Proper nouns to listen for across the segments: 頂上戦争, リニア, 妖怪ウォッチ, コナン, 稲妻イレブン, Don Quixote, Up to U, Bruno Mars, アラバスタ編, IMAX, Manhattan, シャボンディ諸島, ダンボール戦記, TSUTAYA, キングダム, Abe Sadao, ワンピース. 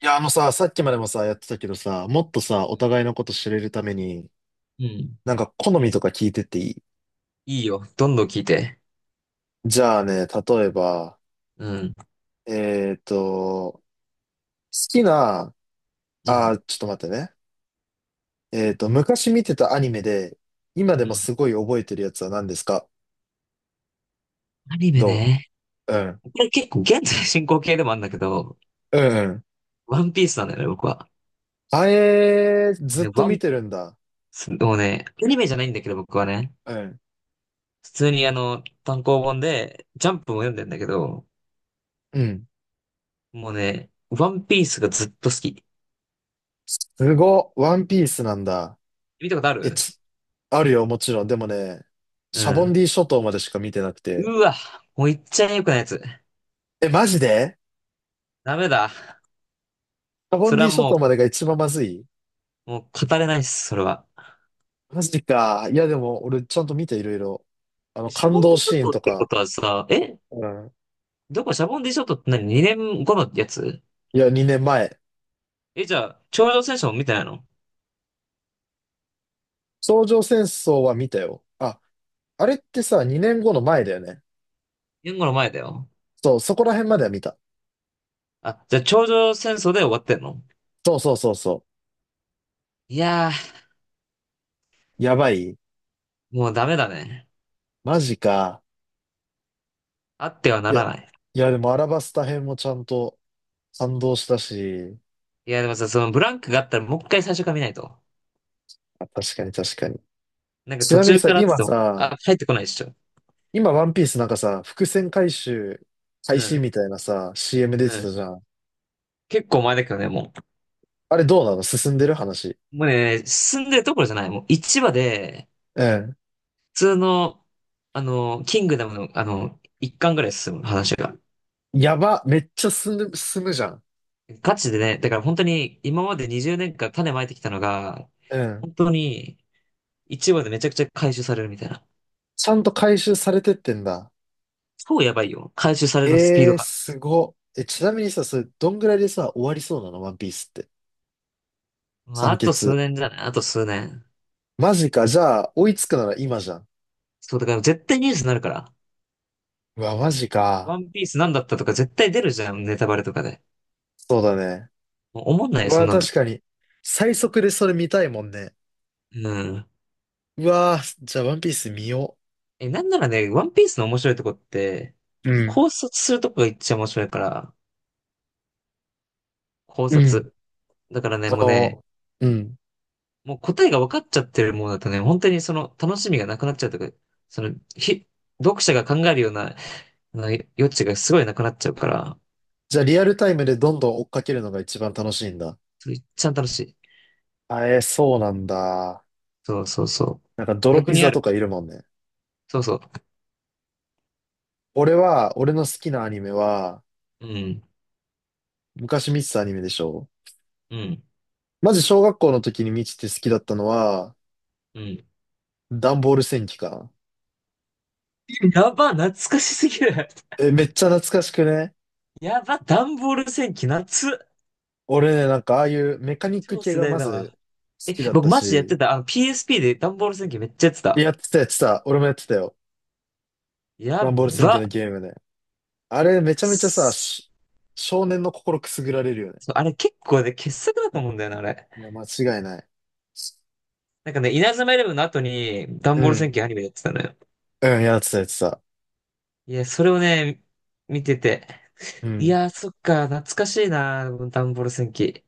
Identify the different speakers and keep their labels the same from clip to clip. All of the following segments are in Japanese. Speaker 1: いや、あのさ、さっきまでもさ、やってたけどさ、もっとさ、
Speaker 2: う
Speaker 1: お
Speaker 2: ん。
Speaker 1: 互いのこと知れるために、
Speaker 2: うん。
Speaker 1: なんか好みとか聞いてっていい？
Speaker 2: いいよ。どんどん聞いて。
Speaker 1: じゃあね、例えば、
Speaker 2: うん。
Speaker 1: 好きな、
Speaker 2: うん。
Speaker 1: ちょっと待ってね。昔見てたアニメで、今で
Speaker 2: う
Speaker 1: も
Speaker 2: ん。
Speaker 1: すごい覚えてるやつは何ですか？
Speaker 2: アニメ
Speaker 1: ど
Speaker 2: ね。
Speaker 1: ううん。
Speaker 2: これ結構現在進行形でもあるんだけど、
Speaker 1: うんうん。
Speaker 2: ワンピースなんだよね、僕は。
Speaker 1: あえー、
Speaker 2: もう
Speaker 1: ずっ
Speaker 2: ね、
Speaker 1: と見てるんだ。
Speaker 2: もうね、アニメじゃないんだけど、僕はね。
Speaker 1: うん。
Speaker 2: 普通にあの、単行本で、ジャンプも読んでんだけど、
Speaker 1: うん。
Speaker 2: もうね、ワンピースがずっと好き。
Speaker 1: すごっ。ワンピースなんだ。
Speaker 2: 見たことあ
Speaker 1: え、
Speaker 2: る？
Speaker 1: ち、あるよ、もちろん。でもね、
Speaker 2: う
Speaker 1: シャボン
Speaker 2: ん。
Speaker 1: ディ諸島までしか見てなくて。
Speaker 2: うわ、もう言っちゃえよくないやつ。
Speaker 1: え、マジで？
Speaker 2: ダメだ。
Speaker 1: カボン
Speaker 2: それ
Speaker 1: デ
Speaker 2: は
Speaker 1: ィ諸
Speaker 2: も
Speaker 1: 島までが一番まずい？
Speaker 2: う、もう語れないっす、それは。
Speaker 1: マジか。いや、でも、俺、ちゃんと見て、いろいろ。
Speaker 2: シャ
Speaker 1: 感
Speaker 2: ボン
Speaker 1: 動
Speaker 2: ディ諸
Speaker 1: シーン
Speaker 2: 島っ
Speaker 1: と
Speaker 2: てこ
Speaker 1: か。
Speaker 2: とはさ、
Speaker 1: うん。
Speaker 2: どこ？シャボンディショットって何？ 2 年後のやつ？
Speaker 1: いや、2年前。
Speaker 2: え、じゃあ、頂上戦争も見てないの？
Speaker 1: 頂上戦争は見たよ。あ、あれってさ、2年後の前だよね。
Speaker 2: 2 年後の前だよ。
Speaker 1: そう、そこら辺までは見た。
Speaker 2: あ、じゃあ頂上戦争で終わってんの？
Speaker 1: そうそうそうそ
Speaker 2: いやー、
Speaker 1: う。やばい。
Speaker 2: もうダメだね。
Speaker 1: マジか。
Speaker 2: あっては
Speaker 1: い
Speaker 2: な
Speaker 1: や、
Speaker 2: らない。
Speaker 1: いや、でも、アラバスタ編もちゃんと感動したし。
Speaker 2: いや、でもさ、そのブランクがあったらもう一回最初から見ないと。
Speaker 1: あ、確かに確かに。
Speaker 2: なんか
Speaker 1: ち
Speaker 2: 途
Speaker 1: なみに
Speaker 2: 中
Speaker 1: さ、
Speaker 2: からって
Speaker 1: 今
Speaker 2: 言っても、
Speaker 1: さ、
Speaker 2: あ、帰ってこないでしょ。
Speaker 1: 今、ワンピースなんかさ、伏線回収開
Speaker 2: う
Speaker 1: 始
Speaker 2: ん、
Speaker 1: みたいなさ、CM 出
Speaker 2: う
Speaker 1: てた
Speaker 2: ん。
Speaker 1: じゃん。
Speaker 2: 結構前だけどね、も
Speaker 1: あれどうなの？進んでる話。
Speaker 2: う。もうね、進んでるところじゃない。もう一話で、
Speaker 1: うん。
Speaker 2: 普通の、あの、キングダムの、あの、1巻ぐらい進む話が。
Speaker 1: やば、めっちゃ進む、進むじゃん。
Speaker 2: ガチでね、だから本当に今まで20年間種まいてきたのが、
Speaker 1: うん。
Speaker 2: 本当に一話でめちゃくちゃ回収されるみたいな。
Speaker 1: ちゃんと回収されてってんだ。
Speaker 2: 超やばいよ。回収されるのスピー
Speaker 1: え
Speaker 2: ド
Speaker 1: ー、
Speaker 2: が。
Speaker 1: すご。え、ちなみにさ、それ、どんぐらいでさ、終わりそうなのワンピースって。
Speaker 2: まあ、
Speaker 1: 完
Speaker 2: あと数
Speaker 1: 結。
Speaker 2: 年じゃない？あと数年。
Speaker 1: マジか。じゃあ、追いつくなら今じゃん。
Speaker 2: そう、だから絶対ニュースになるから。
Speaker 1: うわ、マジか。
Speaker 2: ワンピースなんだったとか絶対出るじゃん、ネタバレとかで。
Speaker 1: そうだね。
Speaker 2: もう思んない
Speaker 1: う
Speaker 2: よ、そん
Speaker 1: わ、
Speaker 2: なんだっ
Speaker 1: 確
Speaker 2: て。
Speaker 1: かに。最速でそれ見たいもんね。
Speaker 2: うん。
Speaker 1: うわ、じゃあ、ワンピース見よ
Speaker 2: え、なんならね、ワンピースの面白いとこって、
Speaker 1: う。うん。
Speaker 2: 考察するとこが一番面白いから、考
Speaker 1: うん。
Speaker 2: 察。だからね、もうね、
Speaker 1: そうん。
Speaker 2: もう答えが分かっちゃってるものだとね、本当にその楽しみがなくなっちゃうというか、その、読者が考えるような、あの余地がすごいなくなっちゃうから、
Speaker 1: じゃあリアルタイムでどんどん追っかけるのが一番楽しいんだ。
Speaker 2: それ一番楽しい。
Speaker 1: あ、えーそうなんだ。
Speaker 2: そうそうそう。
Speaker 1: なんか泥
Speaker 2: 逆
Speaker 1: ピ
Speaker 2: にあ
Speaker 1: ザと
Speaker 2: る。
Speaker 1: かいるもんね。
Speaker 2: そうそう。
Speaker 1: 俺は、俺の好きなアニメは、
Speaker 2: うん、
Speaker 1: 昔見てたアニメでしょ？
Speaker 2: うん、
Speaker 1: まず小学校の時に見てて好きだったのは、
Speaker 2: うん。
Speaker 1: ダンボール戦記かな。
Speaker 2: やば、懐かしすぎる。
Speaker 1: え、めっちゃ懐かしくね？
Speaker 2: やば、段ボール戦記、夏。
Speaker 1: 俺ね、なんかああいうメカニック
Speaker 2: 超
Speaker 1: 系
Speaker 2: 世
Speaker 1: が
Speaker 2: 代
Speaker 1: ま
Speaker 2: だ
Speaker 1: ず
Speaker 2: わ。
Speaker 1: 好
Speaker 2: え、
Speaker 1: きだっ
Speaker 2: 僕
Speaker 1: た
Speaker 2: マジでやっ
Speaker 1: し、
Speaker 2: てた。あの PSP で段ボール戦記めっちゃやってた。
Speaker 1: やってたやってた。俺もやってたよ。
Speaker 2: や
Speaker 1: ダンボール戦記の
Speaker 2: ば。
Speaker 1: ゲームね。あれめ
Speaker 2: く
Speaker 1: ちゃめちゃさ、
Speaker 2: っ
Speaker 1: 少年の心くすぐられるよね。
Speaker 2: そ、あれ結構ね、傑作だと思うんだよな、あれ。
Speaker 1: いや、間違いない。
Speaker 2: なんかね、稲妻イレブンの後に、ダン
Speaker 1: う
Speaker 2: ボール戦
Speaker 1: ん。
Speaker 2: 記アニメやってたのよ。
Speaker 1: うん、やってた、やってた。
Speaker 2: いや、それをね、見てて。
Speaker 1: う
Speaker 2: い
Speaker 1: ん。
Speaker 2: や、そっか、懐かしいな、ダンボール戦記。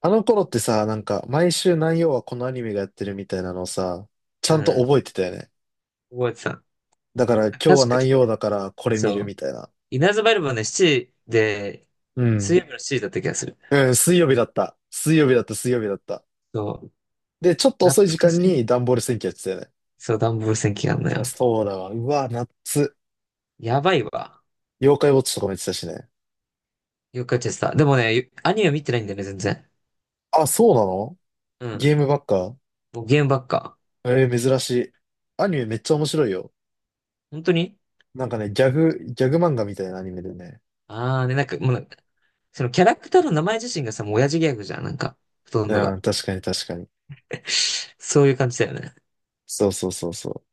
Speaker 1: あの頃ってさ、なんか、毎週何曜はこのアニメがやってるみたいなのをさ、ち
Speaker 2: う
Speaker 1: ゃんと
Speaker 2: ん、
Speaker 1: 覚えてたよね。
Speaker 2: 覚えてた。
Speaker 1: だから、今日は
Speaker 2: 確か、
Speaker 1: 何曜だから、これ見
Speaker 2: そ
Speaker 1: る
Speaker 2: う。
Speaker 1: みたいな。
Speaker 2: 稲妻イレブンはね、7で、
Speaker 1: う
Speaker 2: 水
Speaker 1: ん。
Speaker 2: 曜日の7だった気がする。
Speaker 1: うん、水曜日だった。水曜日だった、水曜日だった。
Speaker 2: そう、
Speaker 1: で、ちょっと
Speaker 2: 懐
Speaker 1: 遅い時
Speaker 2: か
Speaker 1: 間
Speaker 2: し
Speaker 1: に
Speaker 2: い。
Speaker 1: 段ボール戦記やってたよね。
Speaker 2: そう、ダンボール戦記があんの
Speaker 1: いや
Speaker 2: よ。
Speaker 1: そうだわ。うわ、夏。
Speaker 2: やばいわ。
Speaker 1: 妖怪ウォッチとかもやってたしね。
Speaker 2: よくやっちゃってた。でもね、アニメ見てないんだよね、全然。
Speaker 1: あ、そうなの？
Speaker 2: う
Speaker 1: ゲ
Speaker 2: ん。
Speaker 1: ームばっか？
Speaker 2: もうゲームばっか。
Speaker 1: えー、珍しい。アニメめっちゃ面白いよ。
Speaker 2: 本当に？
Speaker 1: なんかね、ギャグ漫画みたいなアニメでね。
Speaker 2: ああ、で、なんか、もうなんか、そのキャラクターの名前自身がさ、もう親父ギャグじゃん、なんか、ほとんど
Speaker 1: うん、
Speaker 2: が。
Speaker 1: 確かに確かに。
Speaker 2: そういう感じだよね。
Speaker 1: そうそうそうそ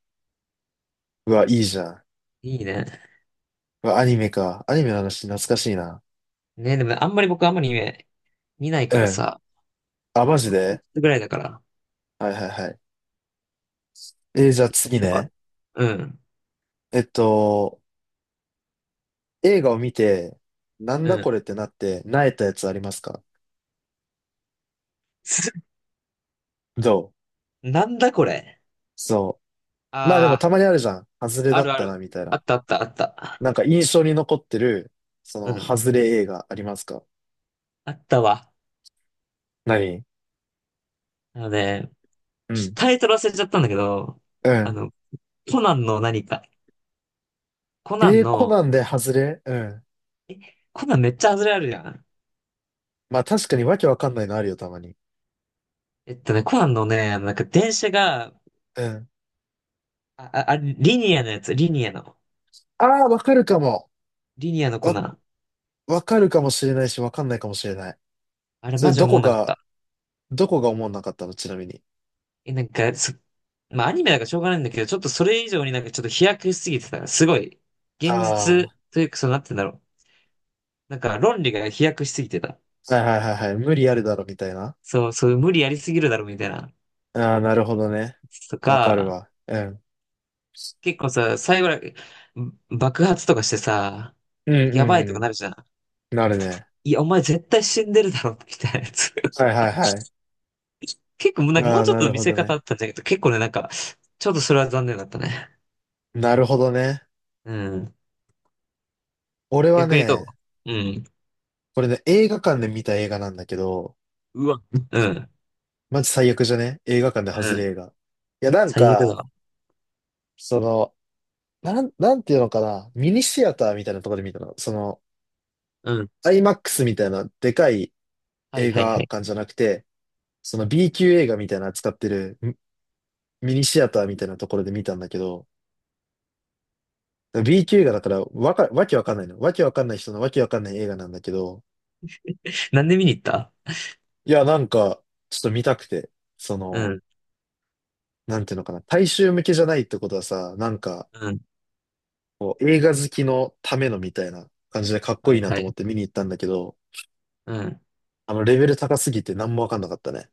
Speaker 1: う。うわ、いいじゃん。
Speaker 2: いいね。
Speaker 1: うわ、アニメか。アニメの話懐かしいな。
Speaker 2: ね、でもあんまり僕あんまりね、見ない
Speaker 1: う
Speaker 2: から
Speaker 1: ん。
Speaker 2: さ、
Speaker 1: あ、マジ
Speaker 2: ワンピー
Speaker 1: で？
Speaker 2: スぐらいだから、
Speaker 1: はいはいはい。じゃあ
Speaker 2: 見た
Speaker 1: 次
Speaker 2: ことあ
Speaker 1: ね。
Speaker 2: る？うん、
Speaker 1: えっと、映画を見て、なん
Speaker 2: う
Speaker 1: だこ
Speaker 2: ん。
Speaker 1: れってなって、萎えたやつありますか？
Speaker 2: す
Speaker 1: どう
Speaker 2: なんだこれ。
Speaker 1: そう。まあでも
Speaker 2: あ
Speaker 1: たまにあるじゃん。外れ
Speaker 2: あ、あ
Speaker 1: だ
Speaker 2: る
Speaker 1: っ
Speaker 2: あ
Speaker 1: た
Speaker 2: る。
Speaker 1: な、みたい
Speaker 2: あ
Speaker 1: な。
Speaker 2: ったあったあっ
Speaker 1: なん
Speaker 2: た。
Speaker 1: か印象に残ってる、
Speaker 2: うん。
Speaker 1: 外れ映画ありますか？
Speaker 2: あったわ。
Speaker 1: 何？
Speaker 2: あのね、
Speaker 1: うん。
Speaker 2: タイトル忘れちゃったんだけど、
Speaker 1: う
Speaker 2: あ
Speaker 1: ん。
Speaker 2: の、コナンの何か。コナ
Speaker 1: え
Speaker 2: ン
Speaker 1: ー、コ
Speaker 2: の、
Speaker 1: ナンで外れ？うん。
Speaker 2: コナンめっちゃ外れあるじゃん。
Speaker 1: まあ確かにわけわかんないのあるよ、たまに。
Speaker 2: えっとね、コナンのね、あのなんか電車が、
Speaker 1: うん。
Speaker 2: あ、リニアのやつ、リニアの。
Speaker 1: ああ、わかるかも。
Speaker 2: リニアのコ
Speaker 1: わ、
Speaker 2: ナン。
Speaker 1: わかるかもしれないし、わかんないかもしれない。
Speaker 2: あれ
Speaker 1: それ、
Speaker 2: マジ
Speaker 1: ど
Speaker 2: 思
Speaker 1: こ
Speaker 2: わなかっ
Speaker 1: が、
Speaker 2: た。
Speaker 1: どこが思わなかったの？ちなみに。
Speaker 2: え、なんか、まあアニメだからしょうがないんだけど、ちょっとそれ以上になんかちょっと飛躍しすぎてた。すごい。
Speaker 1: あ
Speaker 2: 現
Speaker 1: あ、
Speaker 2: 実
Speaker 1: は
Speaker 2: というか、そうなってんだろう。なんか論理が飛躍しすぎてた。
Speaker 1: いはいはいはい。無理あるだろ、みたいな。
Speaker 2: そう、そう、無理やりすぎるだろ、みたいな。
Speaker 1: ああ、なるほどね。
Speaker 2: と
Speaker 1: わかる
Speaker 2: か、
Speaker 1: わ。うん。
Speaker 2: 結構さ、最後ら、爆発とかしてさ、
Speaker 1: うん
Speaker 2: やばい
Speaker 1: うん
Speaker 2: とかな
Speaker 1: う
Speaker 2: るじゃん。
Speaker 1: ん。なるね。
Speaker 2: いや、お前絶対死んでるだろ、みたいなやつ。
Speaker 1: はいはいは
Speaker 2: 結構もう
Speaker 1: い。
Speaker 2: なんかも
Speaker 1: あ
Speaker 2: う
Speaker 1: あ、
Speaker 2: ちょっ
Speaker 1: な
Speaker 2: と
Speaker 1: る
Speaker 2: 見
Speaker 1: ほ
Speaker 2: せ
Speaker 1: ど
Speaker 2: 方あ
Speaker 1: ね。
Speaker 2: ったんだけど、結構ね、なんか、ちょっとそれは残念だったね。
Speaker 1: なるほどね。
Speaker 2: うん。
Speaker 1: 俺は
Speaker 2: 逆にど
Speaker 1: ね、
Speaker 2: う？うん。
Speaker 1: これね、映画館で見た映画なんだけど、
Speaker 2: うわ。うん。
Speaker 1: マジ最悪じゃね？映画館で
Speaker 2: う
Speaker 1: 外れ
Speaker 2: ん。
Speaker 1: 映画。いや、なん
Speaker 2: 最悪だ
Speaker 1: か、
Speaker 2: わ。
Speaker 1: その、なんていうのかな、ミニシアターみたいなところで見たの。
Speaker 2: うん。
Speaker 1: IMAX みたいなでかい
Speaker 2: はい
Speaker 1: 映
Speaker 2: はい
Speaker 1: 画
Speaker 2: はい。
Speaker 1: 館じゃなくて、その B 級映画みたいな扱ってるミニシアターみたいなところで見たんだけど、B 級映画だからわけわかんないの。わけわかんない人のわけわかんない映画なんだけど、
Speaker 2: なんで見に行った？
Speaker 1: いや、なんか、ちょっと見たくて、そ
Speaker 2: う
Speaker 1: の、
Speaker 2: ん。
Speaker 1: なんていうのかな、大衆向けじゃないってことはさ、なんか、
Speaker 2: うん。
Speaker 1: こう映画好きのためのみたいな感じでかっこ
Speaker 2: は
Speaker 1: いい
Speaker 2: い
Speaker 1: な
Speaker 2: は
Speaker 1: と思っ
Speaker 2: い。
Speaker 1: て見に行ったんだけど、
Speaker 2: うん。
Speaker 1: レベル高すぎて何もわかんなかったね。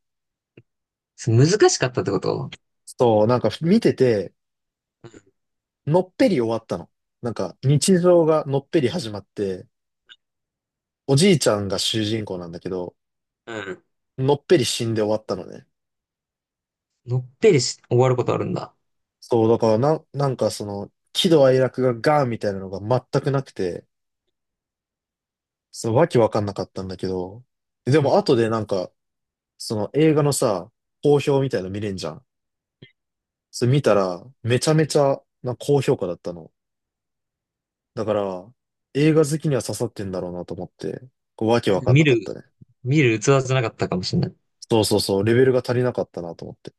Speaker 2: 難しかったってこと？
Speaker 1: そう、なんか見てて、
Speaker 2: う
Speaker 1: のっぺり終わったの。なんか、日常がのっぺり始まって、おじいちゃんが主人公なんだけど、
Speaker 2: ん。うん。
Speaker 1: のっぺり死んで終わったのね。
Speaker 2: のっぺりし、終わることあるんだ。
Speaker 1: そう、だからな、なんか喜怒哀楽がガーンみたいなのが全くなくて、そう、わけわかんなかったんだけど、で
Speaker 2: うん。
Speaker 1: も後でなんか、その映画のさ、好評みたいの見れんじゃん。それ見たら、めちゃめちゃな高評価だったの。だから、映画好きには刺さってんだろうなと思って、こうわけわかん
Speaker 2: 見
Speaker 1: なかっ
Speaker 2: る、
Speaker 1: たね。
Speaker 2: 見る器じゃなかったかもしれない。
Speaker 1: そうそうそう、レベルが足りなかったなと思って。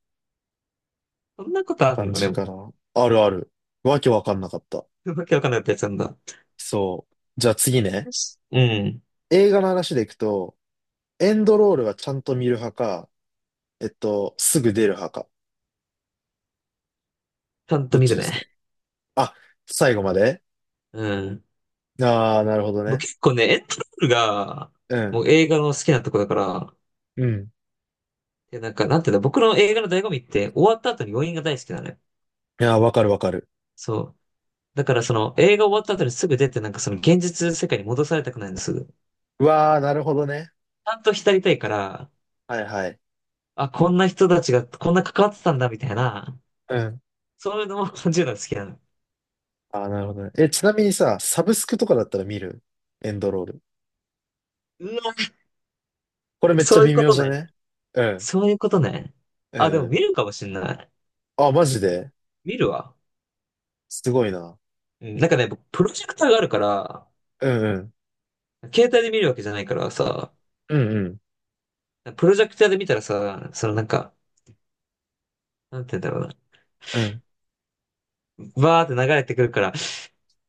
Speaker 2: そんなことある
Speaker 1: 感
Speaker 2: の？で
Speaker 1: じ
Speaker 2: も。
Speaker 1: かな。あるある。わけわかんなかった。
Speaker 2: わけわかんないやつなんだ。
Speaker 1: そう。じゃあ次ね。
Speaker 2: よし。うん。
Speaker 1: 映画の話でいくと、エンドロールはちゃんと見る派か、すぐ出る派か。
Speaker 2: ちゃん
Speaker 1: ど
Speaker 2: と
Speaker 1: っ
Speaker 2: 見
Speaker 1: ち
Speaker 2: る
Speaker 1: ですか？
Speaker 2: ね。
Speaker 1: あ、最後まで？
Speaker 2: うん。
Speaker 1: ああー、なるほど
Speaker 2: 僕
Speaker 1: ね。
Speaker 2: 結構ね、エンドロールが、
Speaker 1: う
Speaker 2: も
Speaker 1: ん。
Speaker 2: う映画の好きなとこだから、
Speaker 1: うん。
Speaker 2: で、なんか、なんていうんだ、僕の映画の醍醐味って、終わった後に余韻が大好きなのよ。
Speaker 1: いやー、わかるわかる。
Speaker 2: そう。だからその、映画終わった後にすぐ出て、なんかその現実世界に戻されたくないんです。ち
Speaker 1: うわあ、なるほどね。
Speaker 2: ゃんと浸りたいから、
Speaker 1: はいはい。
Speaker 2: あ、こんな人たちが、こんな関わってたんだ、みたいな、
Speaker 1: うん。
Speaker 2: そういうのも感じるのが好きなの。
Speaker 1: ああ、なるほどね。え、ちなみにさ、サブスクとかだったら見る？エンドロール。
Speaker 2: うわ、
Speaker 1: これめっちゃ
Speaker 2: そういう
Speaker 1: 微
Speaker 2: こ
Speaker 1: 妙
Speaker 2: と
Speaker 1: じゃ
Speaker 2: ね。
Speaker 1: ね？うん。
Speaker 2: そういうことね。
Speaker 1: う
Speaker 2: あ、で
Speaker 1: んう
Speaker 2: も
Speaker 1: ん。
Speaker 2: 見るかもしんない。
Speaker 1: あ、マジで？
Speaker 2: 見るわ。
Speaker 1: すごいな。
Speaker 2: うん、なんかね、僕プロジェクターがあるから、
Speaker 1: うんうん。
Speaker 2: 携帯で見るわけじゃないからさ、
Speaker 1: うんうん。
Speaker 2: プロジェクターで見たらさ、そのなんか、なんて言うんだろうな。
Speaker 1: うん、
Speaker 2: バーって流れてくるから、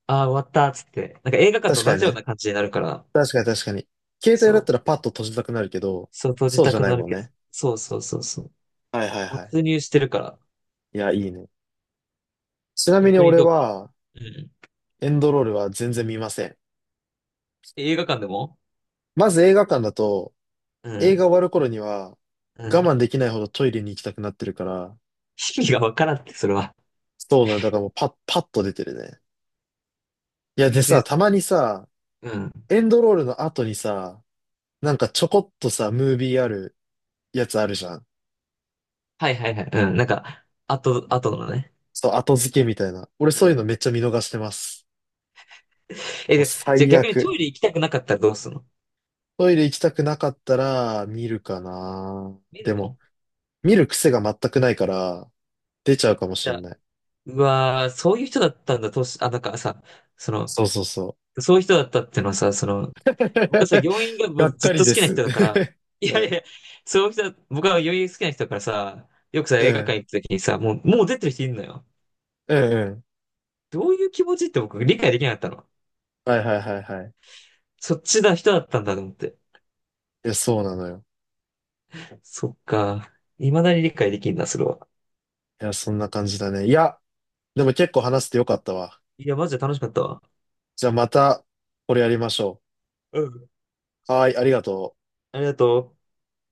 Speaker 2: ああ、終わったっつって、なんか映画館と
Speaker 1: 確か
Speaker 2: 同
Speaker 1: に
Speaker 2: じよう
Speaker 1: ね。
Speaker 2: な感じになるから、
Speaker 1: 確かに確かに。携帯
Speaker 2: そ
Speaker 1: だっ
Speaker 2: う、
Speaker 1: たらパッと閉じたくなるけど、
Speaker 2: そう閉じ
Speaker 1: そう
Speaker 2: た
Speaker 1: じゃ
Speaker 2: く
Speaker 1: ない
Speaker 2: なる
Speaker 1: もん
Speaker 2: けど、
Speaker 1: ね。
Speaker 2: そうそうそうそう。
Speaker 1: はいはいはい。
Speaker 2: 没入してるから、
Speaker 1: いや、いいね。ちなみに
Speaker 2: 逆に
Speaker 1: 俺
Speaker 2: どう？
Speaker 1: は、
Speaker 2: うん。
Speaker 1: エンドロールは全然見ません。
Speaker 2: 映画館でも？
Speaker 1: まず映画館だと、
Speaker 2: う
Speaker 1: 映
Speaker 2: ん、
Speaker 1: 画終わる頃には、
Speaker 2: うん。
Speaker 1: 我
Speaker 2: 意
Speaker 1: 慢できないほどトイレに行きたくなってるから、
Speaker 2: 味がわからんって、それは。
Speaker 1: そうなんだ、だからもうパッと出てるね。いや、で
Speaker 2: 別
Speaker 1: さ、
Speaker 2: に、
Speaker 1: たまにさ、
Speaker 2: うん。
Speaker 1: エンドロールの後にさ、なんかちょこっとさ、ムービーあるやつあるじゃん。
Speaker 2: はいはいはい。うん。なんか、あとのね。
Speaker 1: そう、後付けみたいな。俺
Speaker 2: う
Speaker 1: そういうの
Speaker 2: ん。
Speaker 1: めっちゃ見逃してます。
Speaker 2: え、
Speaker 1: もう
Speaker 2: で、じゃあ
Speaker 1: 最
Speaker 2: 逆にト
Speaker 1: 悪。
Speaker 2: イレ行きたくなかったらどうするの？
Speaker 1: トイレ行きたくなかったら見るかな。
Speaker 2: 見
Speaker 1: で
Speaker 2: る
Speaker 1: も、
Speaker 2: の？
Speaker 1: 見る癖が全くないから、出ちゃうかも
Speaker 2: 見
Speaker 1: しん
Speaker 2: た。
Speaker 1: ない。
Speaker 2: うわー、そういう人だったんだ、あ、なんかさ、その、
Speaker 1: そうそうそ
Speaker 2: そういう人だったっていうのはさ、そ
Speaker 1: う。
Speaker 2: の、僕はさ、病院が
Speaker 1: がっ
Speaker 2: ずっ
Speaker 1: か
Speaker 2: と
Speaker 1: り
Speaker 2: 好
Speaker 1: で
Speaker 2: きな人
Speaker 1: す。
Speaker 2: だから、い
Speaker 1: う
Speaker 2: やい
Speaker 1: ん、
Speaker 2: や、そういう人だ、僕は病院好きな人だからさ、よくさ、
Speaker 1: う
Speaker 2: 映画館
Speaker 1: ん、
Speaker 2: 行った時にさ、もう、もう出てる人いるのよ。
Speaker 1: うん、うん。
Speaker 2: どういう気持ちって僕理解できなかったの。
Speaker 1: はいはいはいはい。
Speaker 2: そっちだ人だったんだと思って。
Speaker 1: いや、そうなのよ。
Speaker 2: そっか。未だに理解できんな、それは。
Speaker 1: いや、そんな感じだね。いや、でも結構話してよかったわ。
Speaker 2: いや、マジで楽しかったわ。
Speaker 1: じゃあまた、これやりましょ
Speaker 2: うん。
Speaker 1: う。はーい、ありがとう。
Speaker 2: ありがとう。